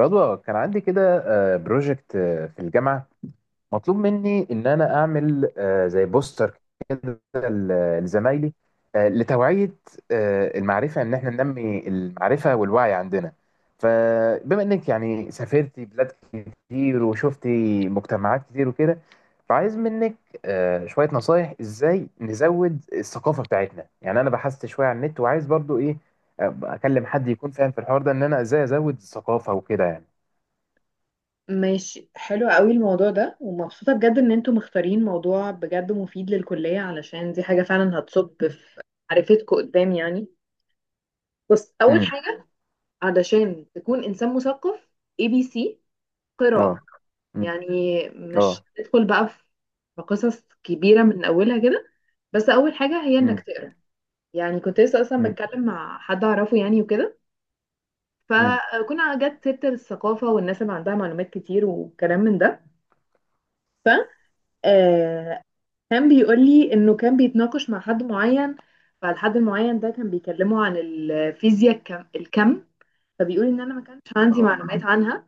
رضوى، كان عندي كده بروجكت في الجامعة. مطلوب مني إن أنا أعمل زي بوستر كده لزمايلي، لتوعية، المعرفة، إن إحنا ننمي المعرفة والوعي عندنا. فبما إنك يعني سافرتي بلاد كتير وشفتي مجتمعات كتير وكده، فعايز منك شوية نصايح، إزاي نزود الثقافة بتاعتنا. يعني أنا بحثت شوية على النت، وعايز برضو إيه، أكلم حد يكون فاهم في الحوار ده، إن أنا إزاي أزود الثقافة وكده يعني. ماشي حلو قوي الموضوع ده، ومبسوطة بجد ان انتوا مختارين موضوع بجد مفيد للكلية، علشان دي حاجة فعلا هتصب في معرفتكوا قدام يعني. بص، اول امم. حاجة علشان تكون انسان مثقف، اي بي سي، اه. قراءة. امم. يعني مش اه. تدخل بقى في قصص كبيرة من اولها كده، بس اول حاجة هي انك امم. تقرا. يعني كنت لسه اصلا امم. بتكلم مع حد اعرفه يعني وكده، امم. فكنا جت سيرة الثقافة والناس اللي عندها معلومات كتير وكلام من ده. ف آه، كان بيقول لي انه كان بيتناقش مع حد معين، فالحد المعين ده كان بيكلمه عن الفيزياء الكم. فبيقول ان انا ما كانش عندي اه. معلومات عنها،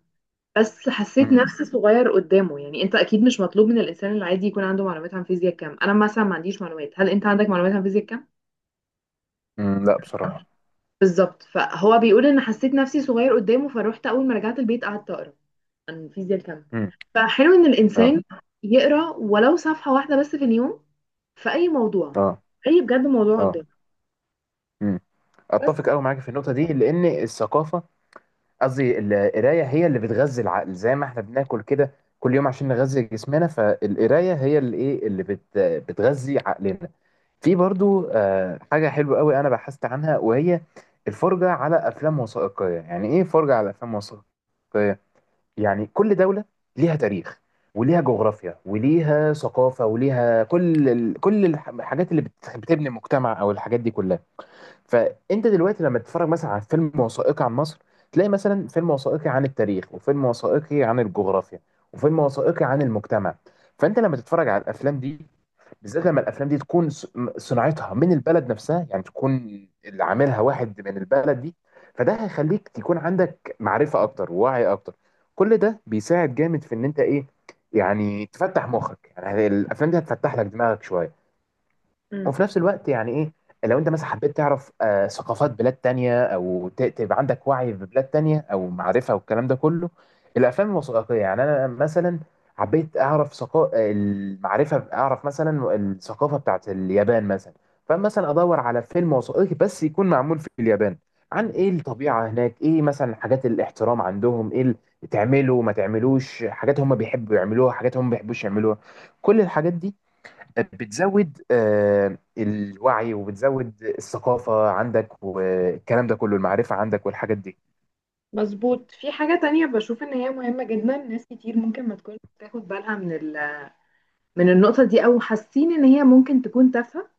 بس حسيت امم. نفسي صغير قدامه. يعني انت اكيد مش مطلوب من الانسان العادي يكون عنده معلومات عن فيزياء الكم، انا مثلا ما عنديش معلومات. هل انت عندك معلومات عن فيزياء الكم؟ امم. لا، بصراحة. بالظبط، فهو بيقول ان حسيت نفسي صغير قدامه، فروحت اول ما رجعت البيت قعدت اقرا عن فيزياء الكم. امم. فحلو ان اه. الانسان يقرا ولو صفحة واحدة بس في اليوم، في اي موضوع، اه. اي بجد موضوع اه. قدامه. امم. بس اتفق قوي معاك في النقطه دي، لان الثقافه، قصدي القرايه، هي اللي بتغذي العقل. زي ما احنا بناكل كده كل يوم عشان نغذي جسمنا، فالقرايه هي اللي ايه، اللي بتغذي عقلنا. في برضو حاجه حلوه قوي انا بحثت عنها، وهي الفرجه على افلام وثائقيه. يعني ايه فرجه على افلام وثائقيه؟ يعني كل دولة ليها تاريخ وليها جغرافيا وليها ثقافة وليها كل الحاجات اللي بتبني المجتمع، أو الحاجات دي كلها. فأنت دلوقتي لما تتفرج مثلا على فيلم وثائقي عن مصر، تلاقي مثلا فيلم وثائقي عن التاريخ، وفيلم وثائقي عن الجغرافيا، وفيلم وثائقي عن المجتمع. فأنت لما تتفرج على الأفلام دي، بالذات لما الافلام دي تكون صناعتها من البلد نفسها، يعني تكون اللي عاملها واحد من البلد دي، فده هيخليك تكون عندك معرفه اكتر ووعي اكتر. كل ده بيساعد جامد في ان انت ايه، يعني تفتح مخك. يعني الافلام دي هتفتح لك دماغك شويه. مم. وفي نفس الوقت يعني ايه، لو انت مثلا حبيت تعرف ثقافات بلاد تانية، او تبقى عندك وعي ببلاد تانية او معرفة والكلام ده كله، الافلام الوثائقية. يعني انا مثلا حبيت اعرف، المعرفة، اعرف مثلا الثقافة بتاعت اليابان مثلا، فمثلا ادور على فيلم وثائقي بس يكون معمول في اليابان، عن ايه الطبيعة هناك، ايه مثلا حاجات الاحترام عندهم، ايه تعملوا ما تعملوش، حاجات هم بيحبوا يعملوها، حاجات هم ما بيحبوش يعملوها. كل الحاجات دي بتزود الوعي، وبتزود الثقافة عندك والكلام ده كله، المعرفة عندك والحاجات دي. مظبوط. في حاجة تانية بشوف ان هي مهمة جدا، ناس كتير ممكن ما تكونش بتاخد بالها من النقطة دي، او حاسين ان هي ممكن تكون تافهة.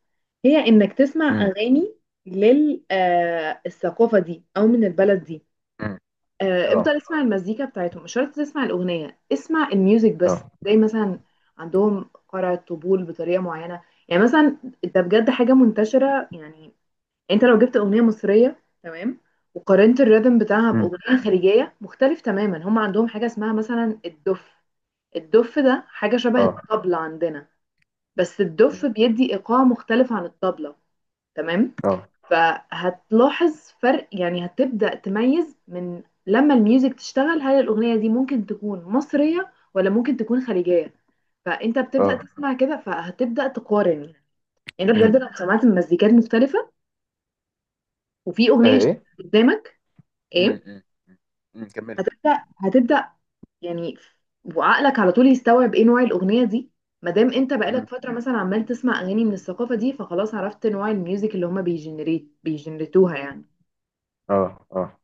هي انك تسمع امم. اغاني للثقافة دي او من البلد دي. امم. اه. افضل اسمع المزيكا بتاعتهم، مش شرط تسمع الاغنية، اسمع الميوزك بس، اه. زي مثلا عندهم قرع الطبول بطريقة معينة. يعني مثلا ده بجد حاجة منتشرة يعني. انت لو جبت اغنيه مصريه تمام وقارنت الريتم بتاعها امم. باغنيه امم. خليجيه، مختلف تماما. هم عندهم حاجه اسمها مثلا الدف. الدف ده حاجه شبه اه. الطبله عندنا، بس امم. الدف بيدي ايقاع مختلف عن الطبله. تمام. اه. فهتلاحظ فرق يعني، هتبدا تميز من لما الميوزك تشتغل هل الاغنيه دي ممكن تكون مصريه ولا ممكن تكون خليجيه. فانت بتبدا اه. تسمع كده، فهتبدا تقارن يعني. انت امم. بجد لو سمعت مزيكات مختلفه وفي آه، اغنيه ايه. قدامك امم. ايه، امم. امم، كمل. هتبدأ يعني. وعقلك على طول يستوعب ايه نوع الأغنية دي، ما دام انت امم. بقالك فترة مثلا عمال تسمع أغاني من الثقافة دي، فخلاص عرفت نوع الميوزك اللي هما بيجنريتوها يعني. اه. اه.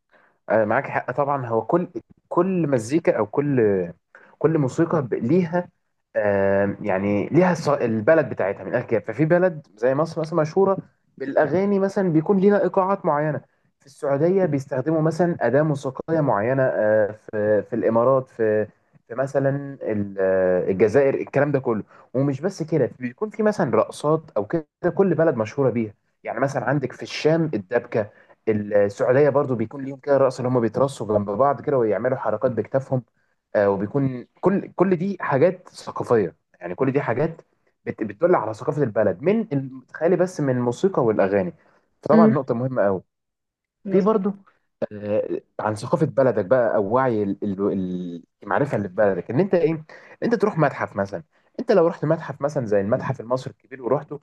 معاك حق طبعا. هو كل مزيكا، او كل موسيقى، ليها يعني ليها البلد بتاعتها، من الاخر كده. ففي بلد زي مصر مثلا مشهوره بالاغاني، مثلا بيكون ليها ايقاعات معينه. في السعوديه بيستخدموا مثلا اداه موسيقيه معينه. في الامارات، في مثلا الجزائر، الكلام ده كله. ومش بس كده، بيكون في مثلا رقصات او كده. كل بلد مشهوره بيها، يعني مثلا عندك في الشام الدبكه. السعوديه برضو بيكون ليهم كده رقص، اللي هم بيترصوا جنب بعض كده ويعملوا حركات بكتافهم. وبيكون كل دي حاجات ثقافيه، يعني كل دي حاجات بتدل على ثقافه البلد، تخيلي بس من الموسيقى والاغاني! فطبعا امم نقطه مهمه قوي. في مظبوط. برضو عن ثقافه بلدك بقى، او وعي المعرفه اللي في بلدك، ان انت ايه، انت تروح متحف مثلا. انت لو رحت متحف مثلا زي المتحف المصري الكبير ورحته،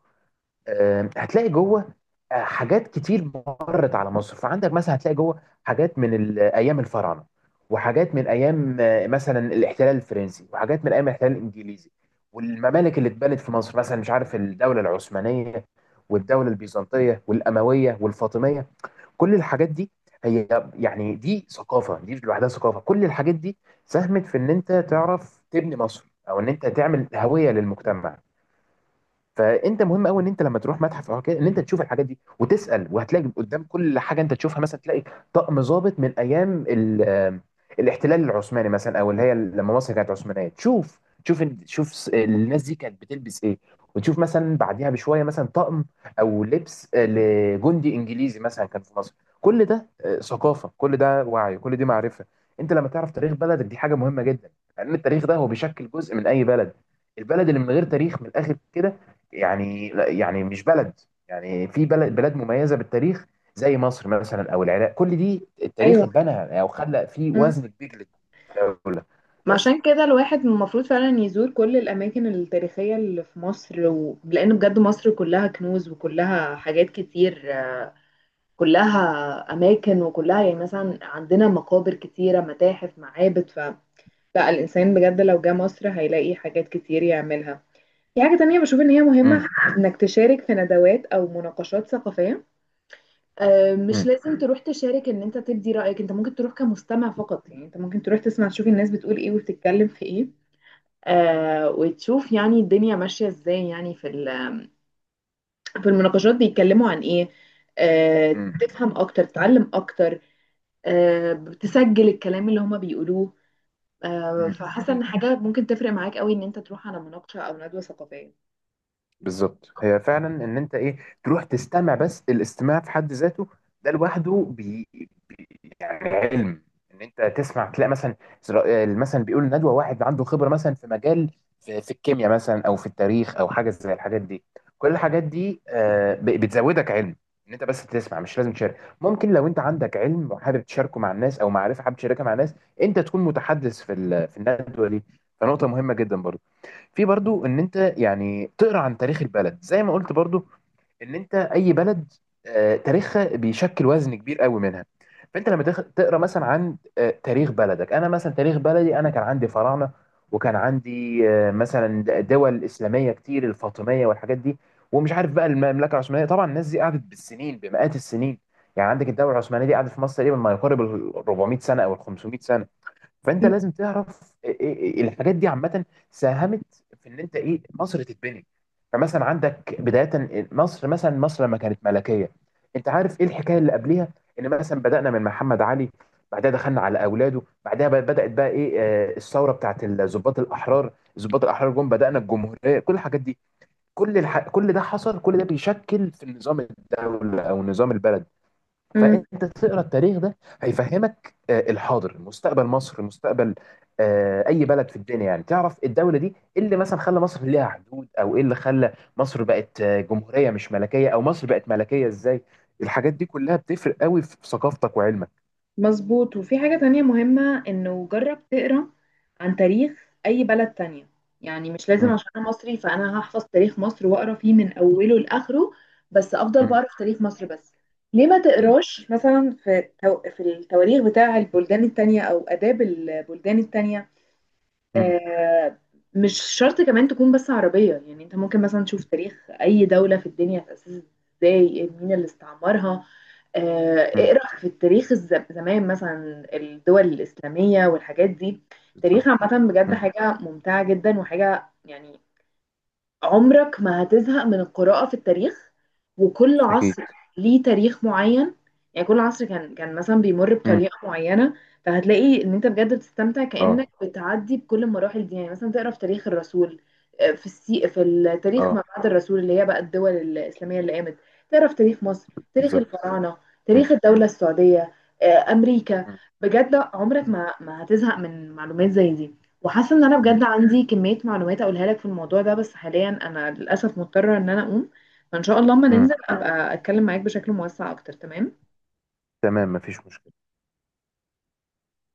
هتلاقي جوه حاجات كتير مرت على مصر. فعندك مثلا هتلاقي جوه حاجات من ايام الفراعنه، وحاجات من ايام مثلا الاحتلال الفرنسي، وحاجات من ايام الاحتلال الانجليزي، والممالك اللي اتبنت في مصر، مثلا مش عارف، الدوله العثمانيه والدوله البيزنطيه والامويه والفاطميه. كل الحاجات دي هي، يعني دي ثقافه، دي لوحدها ثقافه. كل الحاجات دي ساهمت في ان انت تعرف تبني مصر، او ان انت تعمل هويه للمجتمع. فانت مهم قوي ان انت لما تروح متحف او كده، ان انت تشوف الحاجات دي وتسال، وهتلاقي قدام كل حاجه انت تشوفها مثلا، تلاقي طقم ضابط من ايام الاحتلال العثماني مثلا، او اللي هي لما مصر كانت عثمانيه. تشوف الناس دي كانت بتلبس ايه. وتشوف مثلا بعديها بشويه مثلا طقم او لبس لجندي انجليزي مثلا كان في مصر. كل ده ثقافه، كل ده وعي، كل دي معرفه. انت لما تعرف تاريخ بلدك، دي حاجه مهمه جدا، لان التاريخ ده هو بيشكل جزء من اي بلد. البلد اللي من غير تاريخ، من الاخر كده، يعني يعني مش بلد. يعني في بلاد مميزه بالتاريخ زي مصر مثلا او العراق، كل دي التاريخ ايوه. اتبنى او خلق فيه امم وزن كبير للدوله. ما بس. عشان كده الواحد المفروض فعلا يزور كل الأماكن التاريخية اللي في مصر لأن بجد مصر كلها كنوز وكلها حاجات كتير، كلها أماكن، وكلها يعني مثلا عندنا مقابر كتيرة، متاحف، معابد. لا الإنسان بجد لو جه مصر هيلاقي حاجات كتير يعملها. في حاجة تانية بشوف إن هي امم. مهمة، إنك تشارك في ندوات أو مناقشات ثقافية. مش لازم تروح تشارك إن أنت تبدي رأيك، أنت ممكن تروح كمستمع فقط. يعني أنت ممكن تروح تسمع، تشوف الناس بتقول إيه وبتتكلم في إيه. وتشوف يعني الدنيا ماشية إزاي، يعني في المناقشات بيتكلموا عن إيه. آه امم. تفهم أكتر، تتعلم أكتر. بتسجل الكلام اللي هما بيقولوه. فحاسه امم. ان حاجه ممكن تفرق معاك قوي ان انت تروح على مناقشه او ندوه ثقافيه. بالظبط. هي فعلا ان انت ايه، تروح تستمع. بس الاستماع في حد ذاته ده لوحده بي- يعني علم. ان انت تسمع، تلاقي مثلا مثلا بيقول ندوه، واحد عنده خبره مثلا في مجال، في الكيمياء مثلا او في التاريخ او حاجه زي الحاجات دي. كل الحاجات دي بتزودك علم. ان انت بس تسمع، مش لازم تشارك. ممكن لو انت عندك علم وحابب تشاركه مع الناس، او معرفه حابب تشاركها مع الناس، انت تكون متحدث في الندوه دي. فنقطه مهمه جدا برضه. في برضو ان انت يعني تقرا عن تاريخ البلد زي ما قلت برضو. ان انت اي بلد، تاريخها بيشكل وزن كبير قوي منها. فانت لما تقرا مثلا عن تاريخ بلدك. انا مثلا تاريخ بلدي انا كان عندي فراعنه، وكان عندي مثلا دول اسلاميه كتير، الفاطميه والحاجات دي، ومش عارف بقى المملكه العثمانيه. طبعا الناس دي قعدت بالسنين، بمئات السنين. يعني عندك الدوله العثمانيه دي قعدت في مصر تقريبا ما يقارب ال 400 سنه او ال 500 سنه. فانت لازم تعرف إيه، الحاجات دي عامه ساهمت في ان انت ايه مصر تتبني. فمثلا عندك بدايه مصر، مثلا مصر لما كانت ملكيه، انت عارف ايه الحكايه اللي قبليها؟ ان مثلا بدانا من محمد علي، بعدها دخلنا على اولاده، بعدها بدات بقى ايه، الثوره بتاعت الضباط الاحرار جم، بدانا الجمهوريه. كل الحاجات دي، كل ده حصل، كل ده بيشكل في النظام الدوله او نظام البلد. امم فانت تقرا التاريخ ده، هيفهمك الحاضر، مستقبل مصر، مستقبل اي بلد في الدنيا. يعني تعرف الدوله دي ايه اللي مثلا خلى مصر ليها حدود، او ايه اللي خلى مصر بقت جمهوريه مش ملكيه، او مصر بقت ملكيه ازاي. الحاجات دي كلها بتفرق قوي في ثقافتك وعلمك. مظبوط. وفي حاجه تانية مهمه، انه جرب تقرا عن تاريخ اي بلد تانية. يعني مش لازم امم. عشان انا مصري فانا هحفظ تاريخ مصر واقرا فيه من اوله لاخره بس، افضل امم. بقرا في تاريخ مصر بس. ليه ما امم. تقراش مثلا في التواريخ بتاع البلدان التانية او اداب البلدان التانية؟ امم. آه، مش شرط كمان تكون بس عربية، يعني انت ممكن مثلا تشوف تاريخ اي دولة في الدنيا اتأسست ازاي، مين اللي استعمرها. امم. اقرأ في التاريخ زمان، مثلا الدول الإسلامية والحاجات دي. التاريخ بالظبط. عامة بجد امم. حاجة ممتعة جدا وحاجة يعني، عمرك ما هتزهق من القراءة في التاريخ. وكل اكيد. عصر ليه تاريخ معين، يعني كل عصر كان مثلا بيمر امم. بطريقة معينة. فهتلاقي ان انت بجد بتستمتع كأنك اه. بتعدي بكل المراحل دي، يعني مثلا تقرا في تاريخ الرسول. في التاريخ ما اه. بعد الرسول اللي هي بقى الدول الإسلامية اللي قامت. تقرا في تاريخ مصر، تاريخ بالظبط. الفراعنة، امم. تاريخ الدولة السعودية، أمريكا. امم. بجد عمرك ما هتزهق من معلومات زي دي. وحاسه ان انا امم. بجد عندي كميه معلومات اقولها لك في الموضوع ده، بس حاليا انا للاسف مضطره ان انا اقوم. فان شاء الله اما امم. ننزل ابقى اتكلم معاك بشكل موسع اكتر، تمام. تمام، مفيش مشكله.